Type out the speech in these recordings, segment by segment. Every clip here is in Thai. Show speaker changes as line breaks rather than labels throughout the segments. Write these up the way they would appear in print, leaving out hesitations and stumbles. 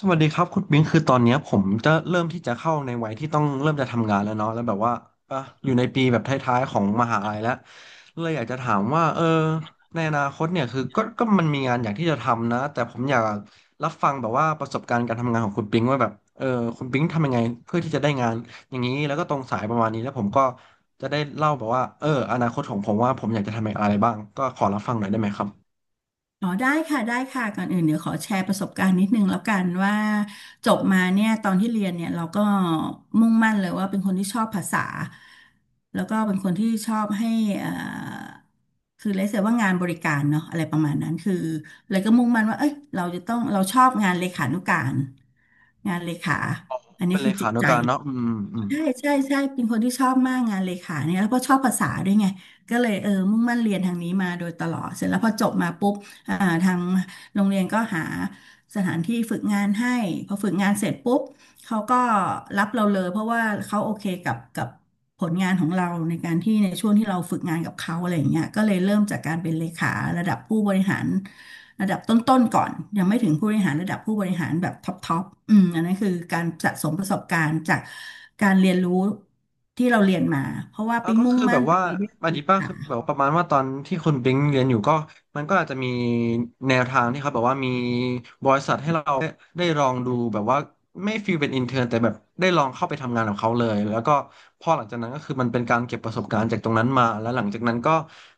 สวัสดีครับคุณบิงคือตอนเนี้ยผมจะเริ่มที่จะเข้าในวัยที่ต้องเริ่มจะทำงานแล้วเนาะแล้วแบบว่าอ่ะอยู่ในปีแบบท้ายๆของมหาลัยแล้วเลยอยากจะถามว่าในอนาคตเนี่ยคือก็มันมีงานอยากที่จะทำนะแต่ผมอยากรับฟังแบบว่าประสบการณ์การทำงานของคุณปิงว่าแบบคุณปิงทำยังไงเพื่อที่จะได้งานอย่างนี้แล้วก็ตรงสายประมาณนี้แล้วผมก็จะได้เล่าแบบว่าเอออนาคตของผมว่าผมอยากจะทำอะไรบ้างก็ขอรับฟังหน่อยได้ไหมครับ
อ๋อได้ค่ะได้ค่ะก่อนอื่นเดี๋ยวขอแชร์ประสบการณ์นิดนึงแล้วกันว่าจบมาเนี่ยตอนที่เรียนเนี่ยเราก็มุ่งมั่นเลยว่าเป็นคนที่ชอบภาษาแล้วก็เป็นคนที่ชอบให้เอ่อคือเรียกว่างานบริการเนาะอะไรประมาณนั้นคือเลยก็มุ่งมั่นว่าเอ้ยเราจะต้องเราชอบงานเลขานุการงานเลขาอัน
เป็
นี้
นเล
คือจิ
ขา
ต
นุ
ใจ
การเนาะอืมอืม
ใช่ใช่ใช่เป็นคนที่ชอบมากงานเลขาเนี่ยแล้วก็ชอบภาษาด้วยไงก็เลยมุ่งมั่นเรียนทางนี้มาโดยตลอดเสร็จแล้วพอจบมาปุ๊บอ่าทางโรงเรียนก็หาสถานที่ฝึกงานให้พอฝึกงานเสร็จปุ๊บเขาก็รับเราเลยเพราะว่าเขาโอเคกับผลงานของเราในการที่ในช่วงที่เราฝึกงานกับเขาอะไรอย่างเงี้ยก็เลยเริ่มจากการเป็นเลขาระดับผู้บริหาร ระดับต้นๆก่อนยังไม่ถึงผู้บริหารระดับผู้บริหารแบบท็อปท็อปอันนั้นคือการสะสมประสบการณ์จากการเรียนรู้ที่เราเรียนมาเพราะว่า
อ่า
ปิ๊ง
ก็
มุ่ง
คือแบ
มั่น
บ
ไป
ว่า
เรื่อ
อันนี้
ย
ป้า
ๆค่ะ
คือแบบว่าประมาณว่าตอนที่คุณบิงเรียนอยู่ก็มันก็อาจจะมีแนวทางที่เขาแบบว่ามีบริษัทให้เราได้ลองดูแบบว่าไม่ฟีลเป็นอินเท n ร์แต่แบบได้ลองเข้าไปทำงานกับเขาเลยแล้วก็พอหลังจากนั้นก็คือมันเป็นการเก็บประสบการณ์จากตรงนั้นมาแล้วหลังจากนั้นก็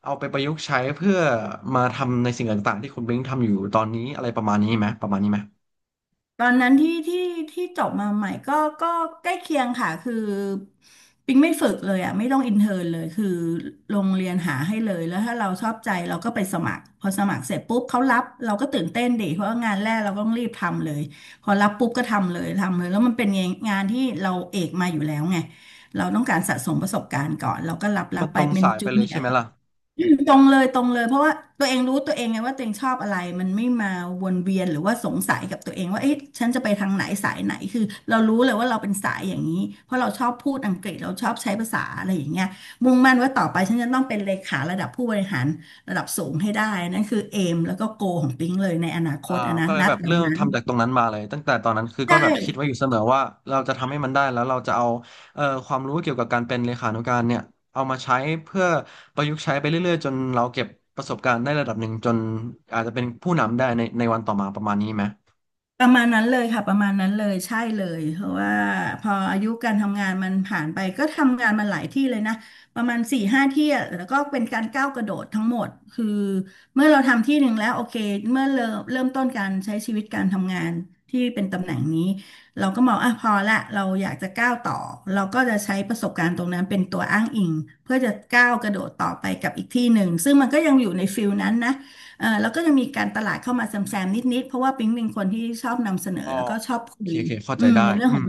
เอาไปประยุกต์ใช้เพื่อมาทำในสิ่งต่างๆที่คุณบิงทำอยู่ตอนนี้อะไรประมาณนี้ไหมประมาณนี้ไหม
ตอนนั้นที่จบมาใหม่ก็ก็ใกล้เคียงค่ะคือปิงไม่ฝึกเลยอ่ะไม่ต้องอินเทอร์นเลยคือโรงเรียนหาให้เลยแล้วถ้าเราชอบใจเราก็ไปสมัครพอสมัครเสร็จปุ๊บเขารับเราก็ตื่นเต้นดิเพราะว่างานแรกเราก็ต้องรีบทำเลยพอรับปุ๊บก็ทำเลยทำเลยแล้วมันเป็นงานที่เราเอกมาอยู่แล้วไงเราต้องการสะสมประสบการณ์ก่อนเราก็รับ
ที่
รั
มั
บ
นต
ไป
รง
เป็น
สายไป
จู
เลย
เนีย
ใช่
ร์
ไหมล่ะ
มตรงเลยตรงเลยเพราะว่าตัวเองรู้ตัวเองไงว่าตัวเองชอบอะไรมันไม่มาวนเวียนหรือว่าสงสัยกับตัวเองว่าเอ๊ะฉันจะไปทางไหนสายไหนคือเรารู้เลยว่าเราเป็นสายอย่างนี้เพราะเราชอบพูดอังกฤษเราชอบใช้ภาษาอะไรอย่างเงี้ยมุ่งมั่นว่าต่อไปฉันจะต้องเป็นเลขาระดับผู้บริหารระดับสูงให้ได้นั่นคือเอมแล้วก็โกของปิ๊งเลยในอนาค
อ่า
ตอันนั้
ก็
น
เล
ณ
ยแบบ
ตอ
เริ่
น
ม
นั้น
ทำจากตรงนั้นมาเลยตั้งแต่ตอนนั้นคือก็
ใช่
แบบคิดไว้อยู่เสมอว่าเราจะทำให้มันได้แล้วเราจะเอาความรู้เกี่ยวกับการเป็นเลขานุการเนี่ยเอามาใช้เพื่อประยุกต์ใช้ไปเรื่อยๆจนเราเก็บประสบการณ์ได้ระดับหนึ่งจนอาจจะเป็นผู้นำได้ในวันต่อมาประมาณนี้ไหม
ประมาณนั้นเลยค่ะประมาณนั้นเลยใช่เลยเพราะว่าพออายุการทำงานมันผ่านไปก็ทำงานมาหลายที่เลยนะประมาณสี่ห้าที่อะแล้วก็เป็นการก้าวกระโดดทั้งหมดคือเมื่อเราทำที่หนึ่งแล้วโอเคเมื่อเริ่มต้นการใช้ชีวิตการทำงานที่เป็นตำแหน่งนี้เราก็มองอ่ะพอละเราอยากจะก้าวต่อเราก็จะใช้ประสบการณ์ตรงนั้นเป็นตัวอ้างอิงเพื่อจะก้าวกระโดดต่อไปกับอีกที่หนึ่งซึ่งมันก็ยังอยู่ในฟิลนั้นนะ แล้วก็จะมีการตลาดเข้ามาแซมๆนิดๆเพราะว่าปิ๊งเป็นคนที่ชอบนำเสนอ
อ๋อ
แล้วก็ชอบ
โอ
คุ
เค
ย
โอเคเข้าใจได้
ในเรื่อง
อื
ขอ
ม
ง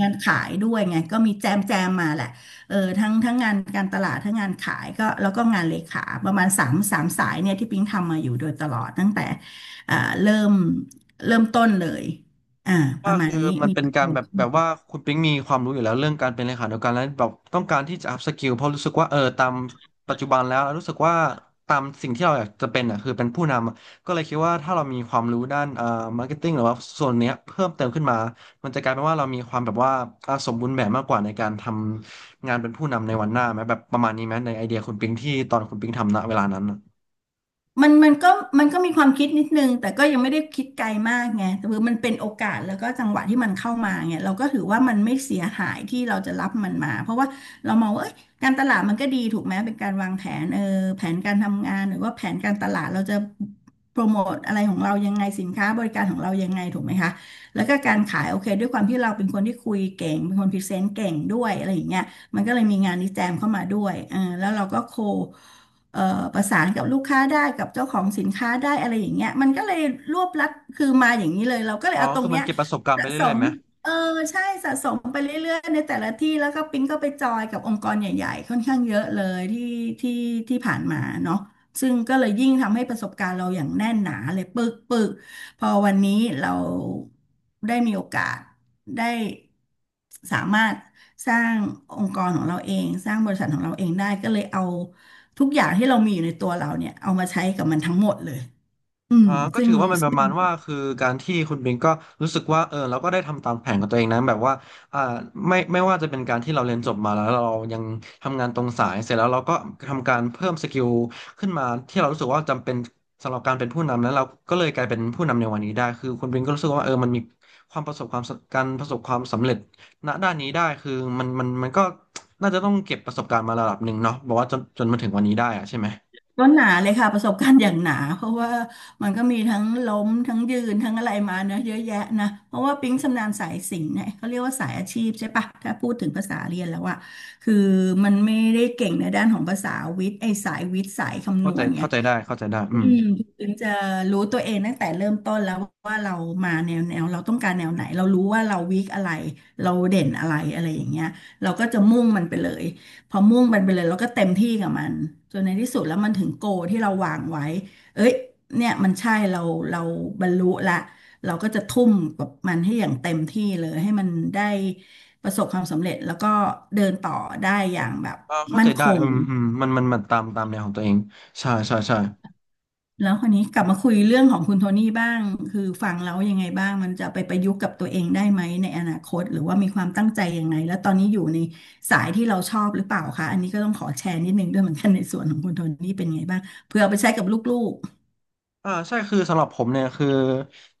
งานขายด้วยไงก็มีแจมแจมมาแหละเออทั้งงานการตลาดทั้งงานขายก็แล้วก็งานเลขาประมาณสามสายเนี่ยที่ปิ๊งทำมาอยู่โดยตลอดตั้งแต่อ่าเริ่มเริ่มต้นเลยอ่าป
ว่า
ระมา
คื
ณ
อ
นี้
มัน
มี
เป็น
ปัจ
การ
จั
แบบ
ย
แบบว่าคุณปิ๊งมีความรู้อยู่แล้วเรื่องการเป็นเลขานุการแล้วแบบต้องการที่จะ up skill เพราะรู้สึกว่าเออตามปัจจุบันแล้วรู้สึกว่าตามสิ่งที่เราอยากจะเป็นอ่ะคือเป็นผู้นำอะก็เลยคิดว่าถ้าเรามีความรู้ด้านmarketing หรือว่าส่วนเนี้ยเพิ่มเติมขึ้นมามันจะกลายเป็นว่าเรามีความแบบว่าอ่าสมบูรณ์แบบมากกว่าในการทำงานเป็นผู้นำในวันหน้าไหมแบบประมาณนี้ไหมในไอเดียคุณปิ๊งที่ตอนคุณปิ๊งทำณเวลานั้นอะ
มันก็มันก็มีความคิดนิดนึงแต่ก็ยังไม่ได้คิดไกลมากไงแต่คือมันเป็นโอกาสแล้วก็จังหวะที่มันเข้ามาไงเราก็ถือว่ามันไม่เสียหายที่เราจะรับมันมาเพราะว่าเรามองว่าเอ้ยการตลาดมันก็ดีถูกไหมเป็นการวางแผนแผนการทำงานหรือว่าแผนการตลาดเราจะโปรโมทอะไรของเรายังไงสินค้าบริการของเรายังไงถูกไหมคะแล้วก็การขายโอเคด้วยความที่เราเป็นคนที่คุยเก่งเป็นคนพรีเซนต์เก่งด้วยอะไรอย่างเงี้ยมันก็เลยมีงานนิแจมเข้ามาด้วยแล้วเราก็โค เอ่อประสานกับลูกค้าได้กับเจ้าของสินค้าได้อะไรอย่างเงี้ยมันก็เลยรวบลัดคือมาอย่างนี้เลยเราก็เล
อ๋อ
ยเอาตร
คื
ง
อมัน
เนี้ย
เก็บประสบการณ์ไป
สะส
เรื่อยๆ
ม
ไหม
เออใช่สะสมไปเรื่อยๆในแต่ละที่แล้วก็ปิ๊งก็ไปจอยกับองค์กรใหญ่ๆค่อนข้างเยอะเลยที่ที่ผ่านมาเนาะซึ่งก็เลยยิ่งทำให้ประสบการณ์เราอย่างแน่นหนาเลยปึกปึกพอวันนี้เราได้มีโอกาสได้สามารถสร้างองค์กรของเราเองสร้างบริษัทของเราเองได้ก็เลยเอา ทุกอย่างที่เรามีอยู่ในตัวเราเนี่ยเอามาใช้กับมันทั้งหมดเลยอืม
อ่าก็
ซึ่ง
ถือว่ามันประ
ซึ่ง
มาณว่าคือการที่คุณบิงก็รู้สึกว่าเออเราก็ได้ทำตามแผนของตัวเองนะแบบว่าอ่าไม่ว่าจะเป็นการที่เราเรียนจบมาแล้วเรายังทำงานตรงสายเสร็จแล้วเราก็ทำการเพิ่มสกิลขึ้นมาที่เรารู้สึกว่าจำเป็นสำหรับการเป็นผู้นำแล้วเราก็เลยกลายเป็นผู้นำในวันนี้ได้คือคุณบิงก็รู้สึกว่าเออมันมีความประสบความสการประสบความสำเร็จณด้านนี้ได้คือมันก็น่าจะต้องเก็บประสบการณ์มาระดับหนึ่งเนาะบอกว่าจนมาถึงวันนี้ได้อะใช่ไหม
ก็หนาเลยค่ะประสบการณ์อย่างหนาเพราะว่ามันก็มีทั้งล้มทั้งยืนทั้งอะไรมาเนอะเยอะแยะนะเพราะว่าปิ๊งชำนาญสายสิ่ง์เนี่ยเขาเรียกว่าสายอาชีพใช่ปะถ้าพูดถึงภาษาเรียนแล้วอะคือมันไม่ได้เก่งในด้านของภาษาวิทย์ไอ้สายวิทย์สายคำนวณไง
เข้าใจได้อื
อื
ม
มถึงจะรู้ตัวเองตั้งแต่เริ่มต้นแล้วว่าเรามาแนวเราต้องการแนวไหนเรารู้ว่าเราวีคอะไรเราเด่นอะไรอะไรอย่างเงี้ยเราก็จะมุ่งมันไปเลยพอมุ่งมันไปเลยเราก็เต็มที่กับมันจนในที่สุดแล้วมันถึงโกที่เราวางไว้เอ้ยเนี่ยมันใช่เราเราบรรลุละเราก็จะทุ่มกับมันให้อย่างเต็มที่เลยให้มันได้ประสบความสำเร็จแล้วก็เดินต่อได้อย่างแบบ
อ่าเข้า
มั่
ใจ
นค
ได้
ง
อืมอืมมันตามแนวของตัวเองใช่ใช่ใช่
แล้วคนนี้กลับมาคุยเรื่องของคุณโทนี่บ้างคือฟังแล้วยังไงบ้างมันจะไปประยุกต์กับตัวเองได้ไหมในอนาคตหรือว่ามีความตั้งใจยังไงแล้วตอนนี้อยู่ในสายที่เราชอบหรือเปล่าคะอันนี้ก็ต้องขอแชร์นิดนึงด้วยเหมือนกันในส่วนของคุณโทนี่เป็นไงบ้างเพื่อเอาไปใช้กับลูก
อ่าใช่คือสำหรับผมเนี่ยคือ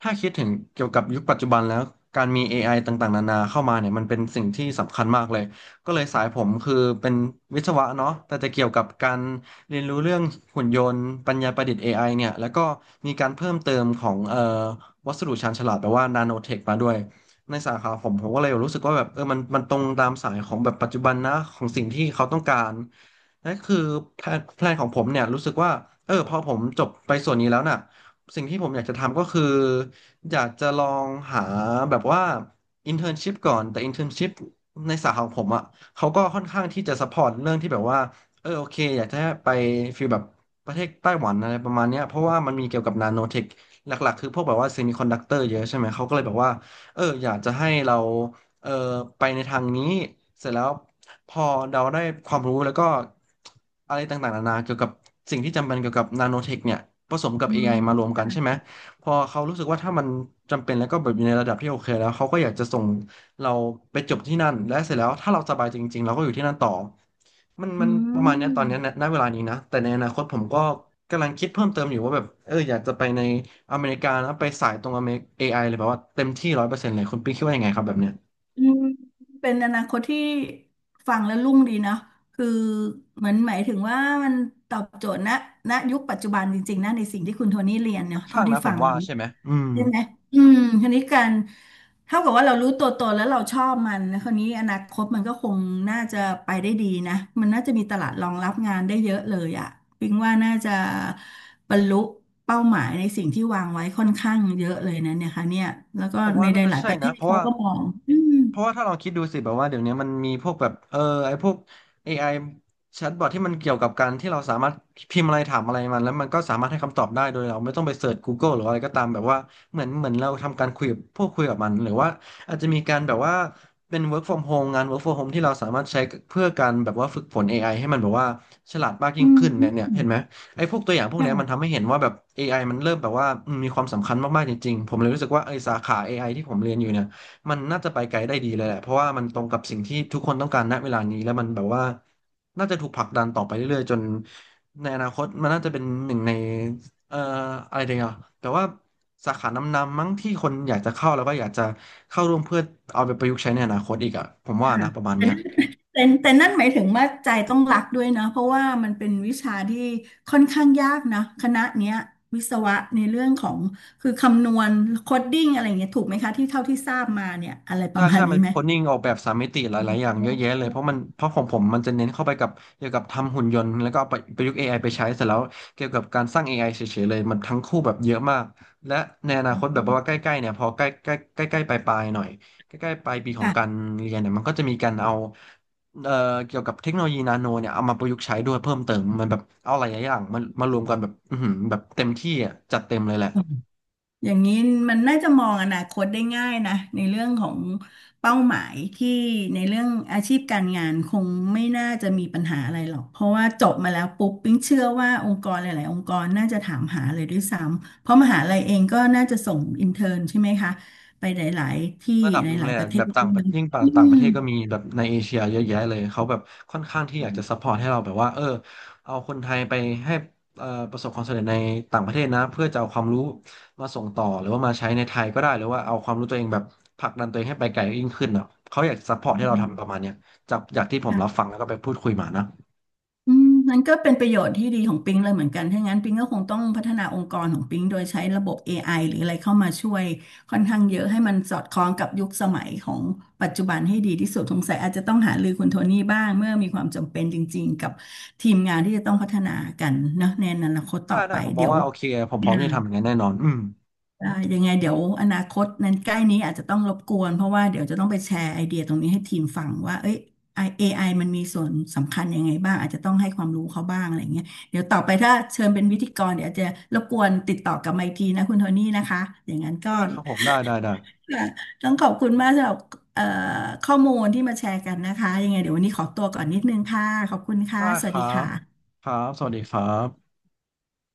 ถ้าคิดถึงเกี่ยวกับยุคปัจจุบันแล้วการมี AI ต่างๆนานาเข้ามาเนี่ยมันเป็นสิ่งที่สำคัญมากเลยก็เลยสายผมคือเป็นวิศวะเนาะแต่จะเกี่ยวกับการเรียนรู้เรื่องหุ่นยนต์ปัญญาประดิษฐ์ AI เนี่ยแล้วก็มีการเพิ่มเติมของวัสดุชาญฉลาดแปลว่านาโนเทคมาด้วยในสาขาผมผมก็เลยรู้สึกว่าแบบเออมันตรงตามสายของแบบปัจจุบันนะของสิ่งที่เขาต้องการ นั่นคือแพลนของผมเนี่ยรู้สึกว่าเออพอผมจบไปส่วนนี้แล้วน่ะสิ่งที่ผมอยากจะทำก็คืออยากจะลองหาแบบว่าอินเท n ร์นชิพก่อนแต่อินเท n ร์นชิพในสาขาของผมอ่ะเขาก็ค่อนข้างที่จะซัพพอร์ตเรื่องที่แบบว่าเออโอเคอยากจะให้ไปฟีลแบบประเทศไต้หวันอะไรประมาณเนี้ยเพราะว่ามันมีเกี่ยวกับนาโนเทคหลักๆคือพวกแบบว่าเซมิคอนดักเตอร์เยอะใช่ไหมเขาก็เลยแบบว่าเอออยากจะให้เรา เออไปในทางนี้เสร็จแล้วพอเราได้ความรู้แล้วก็อะไรต่างๆนานาเกี่ยวกับสิ่งที่จำเป็นเกี่ยวกับนาโนเทคเนี่ยผสม
ๆ
กับ
อื
AI
ม
มารวมกันใช่ไหมพอเขารู้สึกว่าถ้ามันจำเป็นแล้วก็แบบอยู่ในระดับที่โอเคแล้วเขาก็อยากจะส่งเราไปจบที่นั่นและเสร็จแล้วถ้าเราสบายจริงๆเราก็อยู่ที่นั่นต่อมัน
อื
มันประมาณเนี้ยตอนเนี้ยณ
ม
ณเวลานี้นะแต่ในอนาคตผมก็กำลังคิดเพิ่มเติมอยู่ว่าแบบอยากจะไปในอเมริกานะไปสายตรงอเมริกเอไอเลยแบบว่าเต็มที่ร้อยเปอร์เซ็นต์เลยคุณปิ๊กคิดว่ายังไงครับแบบเนี้ย
อืมเป็นอนาคตที่ฟังแล้วรุ่งดีเนาะคือเหมือนหมายถึงว่ามันตอบโจทย์ณณยุคปัจจุบันจริงๆนะในสิ่งที่คุณโทนี่เรียน
ค่อ
เนาะ
น
เท่า
ข้าง
ที่
นะผ
ฟั
ม
งแล้
ว่า
ว
ใช่ไหมอืม
ใช่ไหมอืมคราวนี้การเท่ากับว่าเรารู้ตัวตนแล้วเราชอบมันนะคราวนี้อนาคตมันก็คงน่าจะไปได้ดีนะ มันน่าจะมีตลาดรองรับงานได้เยอะเลยอะปิงว่าน่าจะบรรลุเป้าหมายในสิ่งที่วางไว้ค่อนข้างเยอะเลยนะเนี่ยค่ะเนี่ยแล้วก็
ผม
ใน
ว่า
ห
น่าจะ
ลายๆ
ใช่
ประเท
นะ
ศ
เพราะ
เขา
ว่า
ก็มองอืม
เพราะว่าถ้าเราคิดดูสิแบบว่าเดี๋ยวนี้มันมีพวกแบบไอพวก AI แชทบอทที่มันเกี่ยวกับการที่เราสามารถพิมพ์อะไรถามอะไรมันแล้วมันก็สามารถให้คำตอบได้โดยเราไม่ต้องไปเสิร์ช Google หรืออะไรก็ตามแบบว่าเหมือนเราทำการคุยกับพวกคุยกับมันหรือว่าอาจจะมีการแบบว่าเป็น work from home งาน work from home ที่เราสามารถใช้เพื่อการแบบว่าฝึกฝน AI ให้มันแบบว่าฉลาดมากยิ่
อื
ง
ม
ขึ้นเนี่ย
อื
เห็
ม
นไหมไอ้พวกตัวอย่างพวกเนี้ยมัน
ค่ะ
ทำให้เห็นว่าแบบเอไอมันเริ่มแบบว่ามีความสำคัญมากๆจริงๆผมเลยรู้สึกว่าไอ้สาขาเอไอที่ผมเรียนอยู่เนี่ย มันน่าจะไปไกลได้ดีเลยแหละเพราะว่ามันตรงกับสิ่งที่ทุกคนต้องการณเวลานี้แล้วมันแบบว่าน่าจะถูกผลักดันต่อไปเรื่อยๆจนในอนาคตมันน่าจะเป็นหนึ่งในเอ่ออะไรเดียวแต่ว่าสาขานำๆมั้งที่คนอยากจะเข้าแล้วก็อยากจะเข้าร่วมเพื่อเอาไปประยุกต์ใช้ในอนาคตอีกอ่ะผมว่านะประ
ค่ะ
มาณเนี้ย
แต่นั่นหมายถึงว่าใจต้องรักด้วยนะเพราะว่ามันเป็นวิชาที่ค่อนข้างยากนะคณะเนี้ยวิศวะในเรื่องของคือคำนวณโคดดิ้งอะไรอย่างเงี้ยถูกไหมคะที่เท่าที่ทราบมาเนี่ยอะไรป
ใช่
ระมาณ
ใช่
นี้
มันมี
ไหม
โคดดิ้งออกแบบสามมิติหลายๆอย่างเยอะแยะเลย เพราะของผมมันจะเน้นเข้าไปกับเกี่ยวกับทำหุ่นยนต์แล้วก็เอาไปประยุกต์ AI ไปใช้เสร็จแล้วเกี่ยวกับการสร้าง AI เฉยๆเลยมันทั้งคู่แบบเยอะมาก และในอนาคตแบบว่าใกล้ๆเนี่ยพอใกล้ใกล้ใกล้ใกล้ปลายๆหน่อยใกล้ๆปลายปีของการ
ค่
เรียนเนี่ยมันก็จะมีการเอาเอ่อเกี่ยวกับเทคโนโลยีนาโนเนี่ยเอามาประยุกต์ใช้ด้วยเพิ่มเติมมันแบบเอาหลายๆอย่างมันมารวมกันแบบอือหือแบบเต็มที่อ่ะจัดเต็มเลยแหละ
ะ อย่างนี้มันน่าจะมองอนาคตได้ง่ายนะในเรื่องของเป้าหมายที่ในเรื่องอาชีพการงานคงไม่น่าจะมีปัญหาอะไรหรอกเพราะว่าจบมาแล้วปุ๊บปิ๊งเชื่อว่าองค์กรหลายๆองค์กรน่าจะถามหาเลยด้วยซ้ำเพราะมหาลัยเองก็น่าจะส่งอินเทอร์นใช่ไหมคะไปหลาย ๆ ที่
ระดับ
ห
หนึ่ง
ลา
เล
ย
ย
ๆ ป
อะ
ระเท
แบ
ศ
บต่า
ด้
ง
วย
ประ
นะ
ยิ่ง
อื
ต่างประเทศก็มีแบบในเอเชียเยอะแยะเลยเขาแบบค่อนข้างที่อยากจะซัพพอร์ตให้เราแบบว่าเอาคนไทยไปให้ประสบความสำเร็จในต่างประเทศนะเพื่อจะเอาความรู้มาส่งต่อหรือว่ามาใช้ในไทยก็ได้หรือว่าเอาความรู้ตัวเองแบบผลักดันตัวเองให้ไปไกลยิ่งขึ้นอ่ะเขาอยากซัพพอร์ตให้เราทำประมาณเนี้ยจากที่ผมรับ
ม
ฟังแล้วก็ไปพูดคุยมานะ
อืมนั้นก็เป็นประโยชน์ที่ดีของปิงเลยเหมือนกันถ้างั้นปิงก็คงต้องพัฒนาองค์กรของปิงโดยใช้ระบบ AI หรืออะไรเข้ามาช่วยค่อนข้างเยอะให้มันสอดคล้องกับยุคสมัยของปัจจุบันให้ดีที่สุดสงสัยอาจจะต้องหารือคุณโทนี่บ้างเมื่อมีความจำเป็นจริงๆกับทีมงานที่จะต้องพัฒนากันเนอะในอนาคต
ได้
ต่อ
ได้
ไป
ผมมอ
เดี๋
ง
ยว
ว่าโอเคผมพร้อมที่จะทำอย่างนั้นแน่นอนอืม
ยังไงเดี๋ยวอนาคตนั้นใกล้นี้อาจจะต้องรบกวนเพราะว่าเดี๋ยวจะต้องไปแชร์ไอเดียตรงนี้ให้ทีมฟังว่าเอ้ย AI มันมีส่วนสำคัญยังไงบ้างอาจจะต้องให้ความรู้เขาบ้างอะไรเงี้ยเดี๋ยวต่อไปถ้าเชิญเป็นวิทยกรเดี๋ยวอาจจะรบกวนติดต่อกลับมาอีกทีนะคุณโทนี่นะคะอย่างนั้นก็
ได้ครับผมได้
ค่ะต้องขอบคุณมากสำหรับเอ่อข้อมูลที่มาแชร์กันนะคะยังไงเดี๋ยววันนี้ขอตัวก่อนนิดนึงค่ะขอบคุณค่ะ
ได้
ส
ค
วัส
รั
ดีค
บ
่ะ
ครับสวัสดีครับ